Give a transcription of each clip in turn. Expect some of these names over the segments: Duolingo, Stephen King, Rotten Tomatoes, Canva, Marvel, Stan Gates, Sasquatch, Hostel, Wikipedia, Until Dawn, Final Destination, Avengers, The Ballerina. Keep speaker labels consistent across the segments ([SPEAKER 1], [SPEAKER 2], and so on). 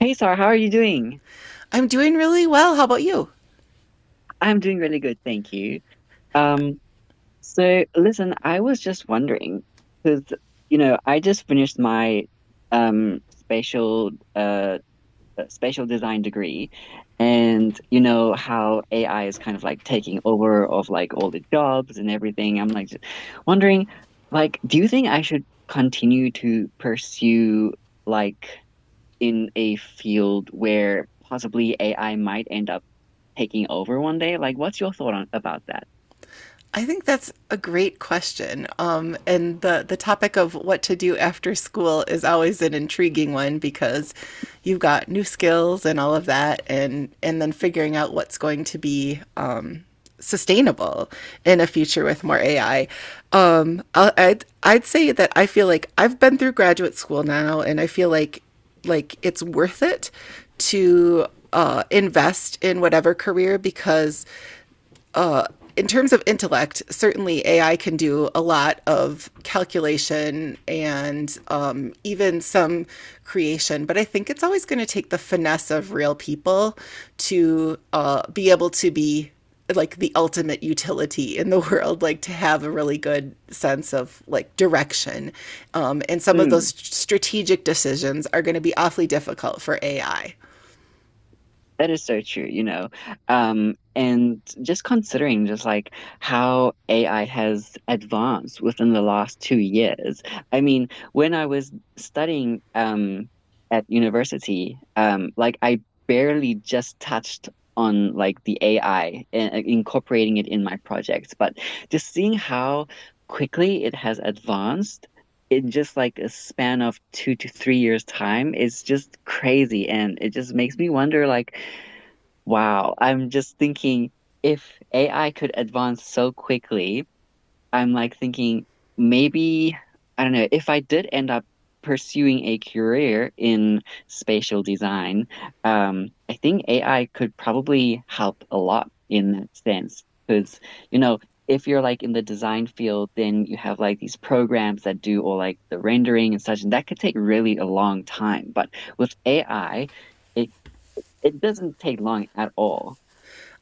[SPEAKER 1] Hey Sarah, how are you doing?
[SPEAKER 2] I'm doing really well. How about you?
[SPEAKER 1] I'm doing really good, thank you. Um, so listen, I was just wondering, because you know, I just finished my spatial spatial design degree, and you know how AI is kind of like taking over of like all the jobs and everything. I'm like just wondering, like, do you think I should continue to pursue like in a field where possibly AI might end up taking over one day? Like, what's your thought on about that?
[SPEAKER 2] I think that's a great question. The topic of what to do after school is always an intriguing one because you've got new skills and all of that, and then figuring out what's going to be sustainable in a future with more AI. I'd say that I feel like I've been through graduate school now, and I feel like it's worth it to invest in whatever career because in terms of intellect, certainly AI can do a lot of calculation and even some creation, but I think it's always going to take the finesse of real people to be able to be like the ultimate utility in the world, like to have a really good sense of like direction, and some of those
[SPEAKER 1] Mm.
[SPEAKER 2] strategic decisions are going to be awfully difficult for ai.
[SPEAKER 1] That is so true, you know. And just considering just like how AI has advanced within the last two years. I mean, when I was studying at university, like I barely just touched on like the AI and incorporating it in my projects, but just seeing how quickly it has advanced. In just like a span of two to three years' time is just crazy. And it just makes me wonder, like, wow, I'm just thinking if AI could advance so quickly, I'm like thinking maybe, I don't know, if I did end up pursuing a career in spatial design, I think AI could probably help a lot in that sense. Because, you know, if you're like in the design field, then you have like these programs that do all like the rendering and such, and that could take really a long time. But with AI, it it doesn't take long at all.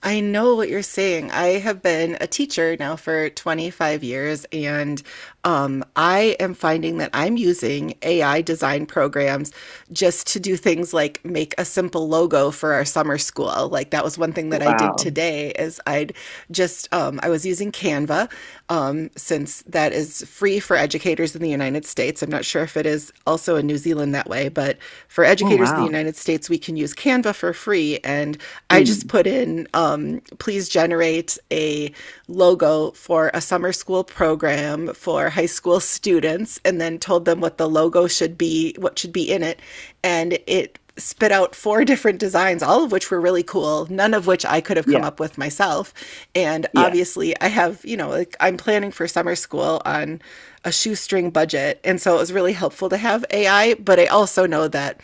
[SPEAKER 2] I know what you're saying. I have been a teacher now for 25 years, and I am finding that I'm using AI design programs just to do things like make a simple logo for our summer school. Like that was one thing that I did
[SPEAKER 1] Wow.
[SPEAKER 2] today is I'd just I was using Canva, since that is free for educators in the United States. I'm not sure if it is also in New Zealand that way, but for
[SPEAKER 1] Oh,
[SPEAKER 2] educators in the
[SPEAKER 1] wow.
[SPEAKER 2] United States, we can use Canva for free. And I just
[SPEAKER 1] Mm.
[SPEAKER 2] put in, please generate a logo for a summer school program for high school students, and then told them what the logo should be, what should be in it. And it spit out four different designs, all of which were really cool, none of which I could have
[SPEAKER 1] Yeah,
[SPEAKER 2] come up with myself. And
[SPEAKER 1] yeah,
[SPEAKER 2] obviously, I have, you know, like I'm planning for summer school on a shoestring budget. And so it was really helpful to have AI, but I also know that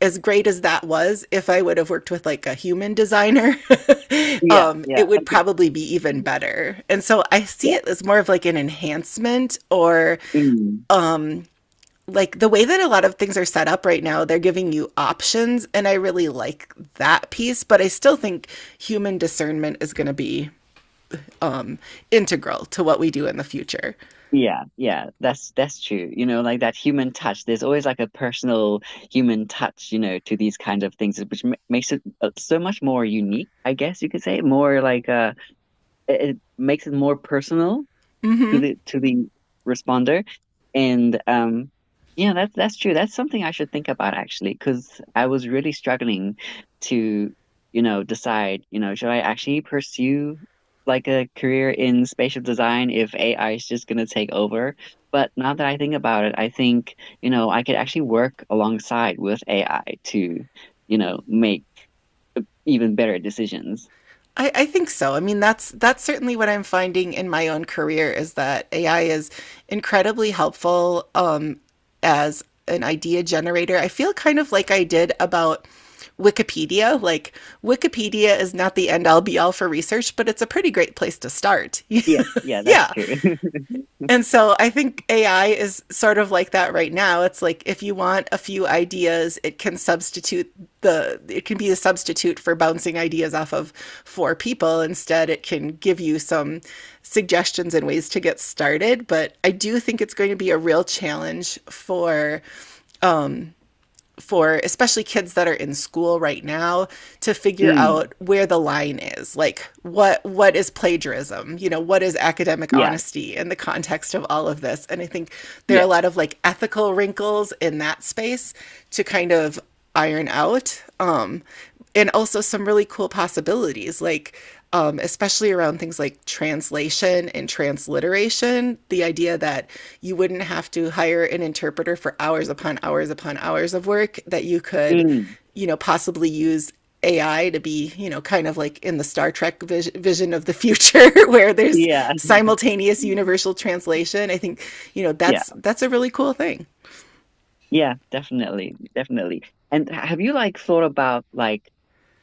[SPEAKER 2] as great as that was, if I would have worked with like a human designer,
[SPEAKER 1] yeah, yeah.
[SPEAKER 2] it would probably be even better. And so I see
[SPEAKER 1] Yeah.
[SPEAKER 2] it as more of like an enhancement, or
[SPEAKER 1] Mm.
[SPEAKER 2] like the way that a lot of things are set up right now, they're giving you options. And I really like that piece, but I still think human discernment is going to be um, integral to what we do in the future.
[SPEAKER 1] Yeah, yeah, that's true. You know, like that human touch. There's always like a personal human touch, you know, to these kinds of things, which ma makes it so much more unique, I guess you could say. More like it makes it more personal
[SPEAKER 2] Mm-hmm.
[SPEAKER 1] to the responder. And yeah, that's true. That's something I should think about actually, because I was really struggling to, you know, decide, you know, should I actually pursue like a career in spatial design if AI is just gonna take over? But now that I think about it, I think, you know, I could actually work alongside with AI to, you know, make even better decisions.
[SPEAKER 2] I think so. I mean, that's certainly what I'm finding in my own career is that AI is incredibly helpful, as an idea generator. I feel kind of like I did about Wikipedia. Like Wikipedia is not the end all be all for research, but it's a pretty great place to start.
[SPEAKER 1] Yeah, yeah, that's
[SPEAKER 2] Yeah,
[SPEAKER 1] true.
[SPEAKER 2] and so I think AI is sort of like that right now. It's like if you want a few ideas, it can substitute it can be a substitute for bouncing ideas off of four people. Instead, it can give you some suggestions and ways to get started. But I do think it's going to be a real challenge for especially kids that are in school right now to figure
[SPEAKER 1] Mm,
[SPEAKER 2] out where the line is, like what is plagiarism, you know, what is academic
[SPEAKER 1] yeah,
[SPEAKER 2] honesty in the context of all of this. And I think there are a
[SPEAKER 1] yeah,
[SPEAKER 2] lot of like ethical wrinkles in that space to kind of iron out, and also some really cool possibilities like, especially around things like translation and transliteration. The idea that you wouldn't have to hire an interpreter for hours upon hours upon hours of work, that you could,
[SPEAKER 1] mm,
[SPEAKER 2] you know, possibly use AI to be, you know, kind of like in the Star Trek vision of the future where there's
[SPEAKER 1] yeah,
[SPEAKER 2] simultaneous universal translation. I think, you know,
[SPEAKER 1] yeah,
[SPEAKER 2] that's a really cool thing.
[SPEAKER 1] yeah, definitely, definitely. And have you like thought about like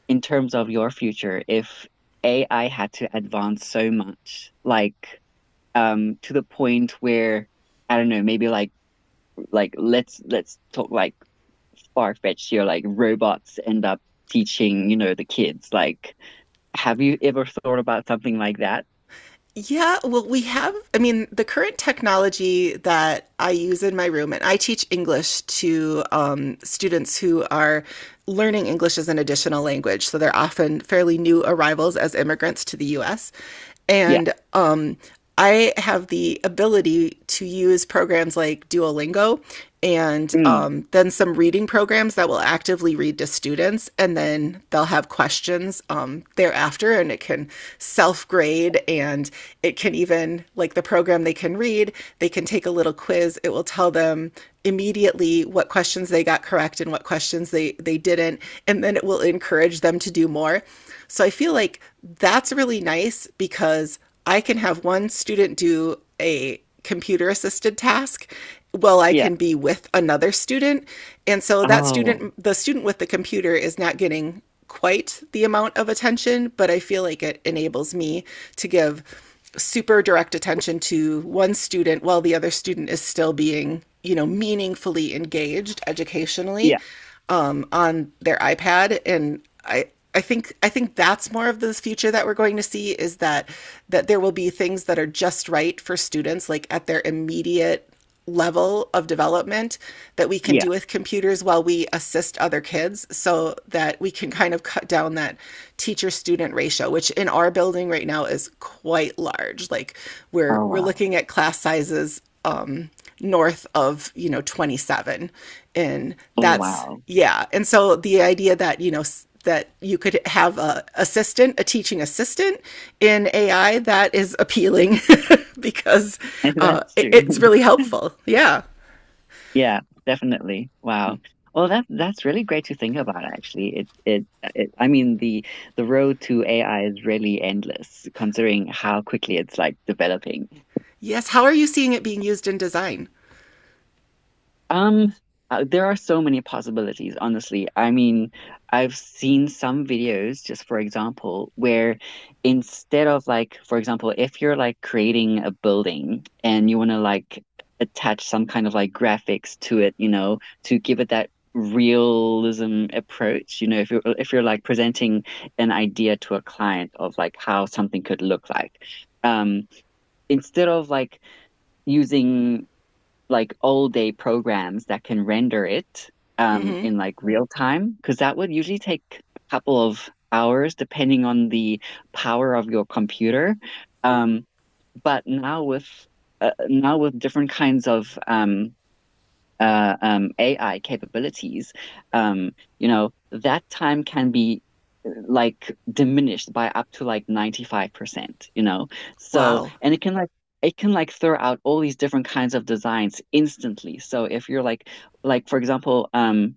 [SPEAKER 1] in terms of your future, if AI had to advance so much, like to the point where I don't know, maybe like let's talk like far-fetched here, like robots end up teaching, you know, the kids. Like, have you ever thought about something like that?
[SPEAKER 2] Yeah, well, we have, I mean, the current technology that I use in my room, and I teach English to, students who are learning English as an additional language. So they're often fairly new arrivals as immigrants to the US.
[SPEAKER 1] Yeah.
[SPEAKER 2] And I have the ability to use programs like Duolingo and,
[SPEAKER 1] Mm,
[SPEAKER 2] then some reading programs that will actively read to students, and then they'll have questions thereafter, and it can self grade, and it can even, like the program they can read, they can take a little quiz. It will tell them immediately what questions they got correct and what questions they didn't, and then it will encourage them to do more. So I feel like that's really nice because I can have one student do a computer assisted task while I
[SPEAKER 1] yeah.
[SPEAKER 2] can be with another student. And so that
[SPEAKER 1] Oh,
[SPEAKER 2] student, the student with the computer, is not getting quite the amount of attention, but I feel like it enables me to give super direct attention to one student while the other student is still being, you know, meaningfully engaged educationally,
[SPEAKER 1] yeah.
[SPEAKER 2] on their iPad. And I think I think that's more of the future that we're going to see, is that there will be things that are just right for students, like at their immediate level of development, that we can
[SPEAKER 1] Yeah.
[SPEAKER 2] do with computers while we assist other kids, so that we can kind of cut down that teacher student ratio, which in our building right now is quite large. Like
[SPEAKER 1] Oh
[SPEAKER 2] we're
[SPEAKER 1] wow.
[SPEAKER 2] looking at class sizes, north of, you know, 27. And
[SPEAKER 1] Oh
[SPEAKER 2] that's,
[SPEAKER 1] wow.
[SPEAKER 2] yeah. And so the idea that, you know, that you could have a assistant, a teaching assistant in AI, that is appealing because
[SPEAKER 1] That's
[SPEAKER 2] it's
[SPEAKER 1] true.
[SPEAKER 2] really helpful. Yeah.
[SPEAKER 1] Yeah, definitely. Wow. Well, that that's really great to think about, actually. It I mean the road to AI is really endless, considering how quickly it's like developing.
[SPEAKER 2] Yes. How are you seeing it being used in design?
[SPEAKER 1] Um, there are so many possibilities, honestly. I mean, I've seen some videos, just for example, where instead of like, for example, if you're like creating a building and you want to like attach some kind of like graphics to it, you know, to give it that realism approach, you know, if you're like presenting an idea to a client of like how something could look like. Um, instead of like using like all day programs that can render it
[SPEAKER 2] Mm-hmm.
[SPEAKER 1] in like real time because that would usually take a couple of hours depending on the power of your computer. Um, but now with different kinds of AI capabilities, um, you know, that time can be like diminished by up to like 95%, you know. So,
[SPEAKER 2] Wow.
[SPEAKER 1] and it can like throw out all these different kinds of designs instantly. So if you're like for example,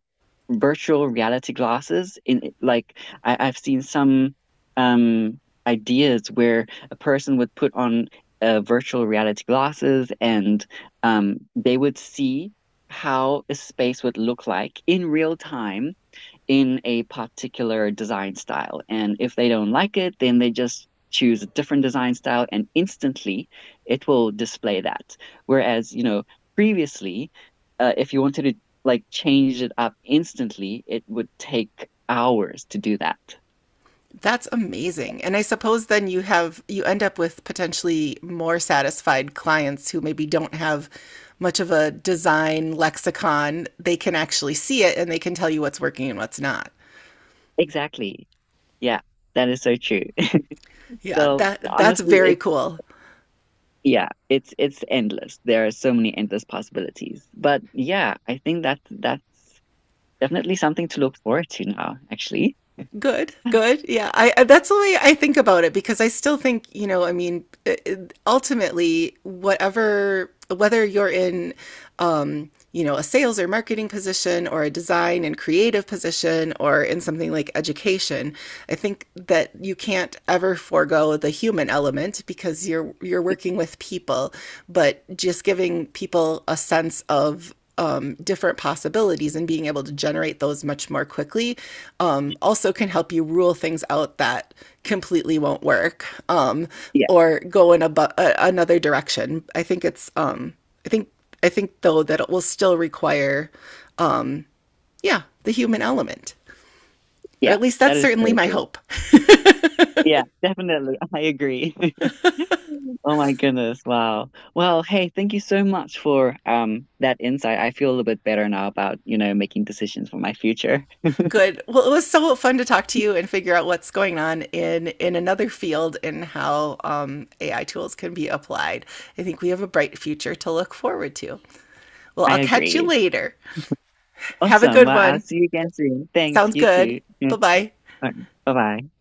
[SPEAKER 1] virtual reality glasses in like I've seen some um ideas where a person would put on virtual reality glasses and they would see how a space would look like in real time in a particular design style. And if they don't like it, then they just choose a different design style and instantly it will display that. Whereas, you know, previously, if you wanted to like change it up instantly, it would take hours to do that.
[SPEAKER 2] That's amazing. And I suppose then you have you end up with potentially more satisfied clients who maybe don't have much of a design lexicon. They can actually see it and they can tell you what's working and what's not.
[SPEAKER 1] Exactly. Yeah, that is so true.
[SPEAKER 2] Yeah,
[SPEAKER 1] So
[SPEAKER 2] that that's
[SPEAKER 1] honestly,
[SPEAKER 2] very
[SPEAKER 1] it's
[SPEAKER 2] cool.
[SPEAKER 1] yeah, it's endless. There are so many endless possibilities. But yeah, I think that that's definitely something to look forward to now, actually.
[SPEAKER 2] Good, good. Yeah, that's the way I think about it because I still think, you know, I mean, ultimately, whatever, whether you're in, you know, a sales or marketing position or a design and creative position or in something like education, I think that you can't ever forego the human element because you're working with people, but just giving people a sense of, different possibilities and being able to generate those much more quickly, also can help you rule things out that completely won't work,
[SPEAKER 1] Yeah,
[SPEAKER 2] or go in a another direction. I think it's, I think I think though that it will still require yeah the human element, or
[SPEAKER 1] yeah,
[SPEAKER 2] at least
[SPEAKER 1] that
[SPEAKER 2] that's
[SPEAKER 1] is
[SPEAKER 2] certainly
[SPEAKER 1] so
[SPEAKER 2] my
[SPEAKER 1] true.
[SPEAKER 2] hope.
[SPEAKER 1] Yeah, definitely. I agree. Oh my goodness. Wow. Well, hey, thank you so much for that insight. I feel a little bit better now about, you know, making decisions for my future.
[SPEAKER 2] Good. Well, it was so fun to talk to you and figure out what's going on in another field and how, AI tools can be applied. I think we have a bright future to look forward to. Well,
[SPEAKER 1] I
[SPEAKER 2] I'll catch you
[SPEAKER 1] agree.
[SPEAKER 2] later. Have a
[SPEAKER 1] Awesome.
[SPEAKER 2] good
[SPEAKER 1] Well, I'll
[SPEAKER 2] one.
[SPEAKER 1] see you again soon. Thanks,
[SPEAKER 2] Sounds
[SPEAKER 1] you
[SPEAKER 2] good.
[SPEAKER 1] too.
[SPEAKER 2] Bye
[SPEAKER 1] Yeah.
[SPEAKER 2] bye.
[SPEAKER 1] Bye bye.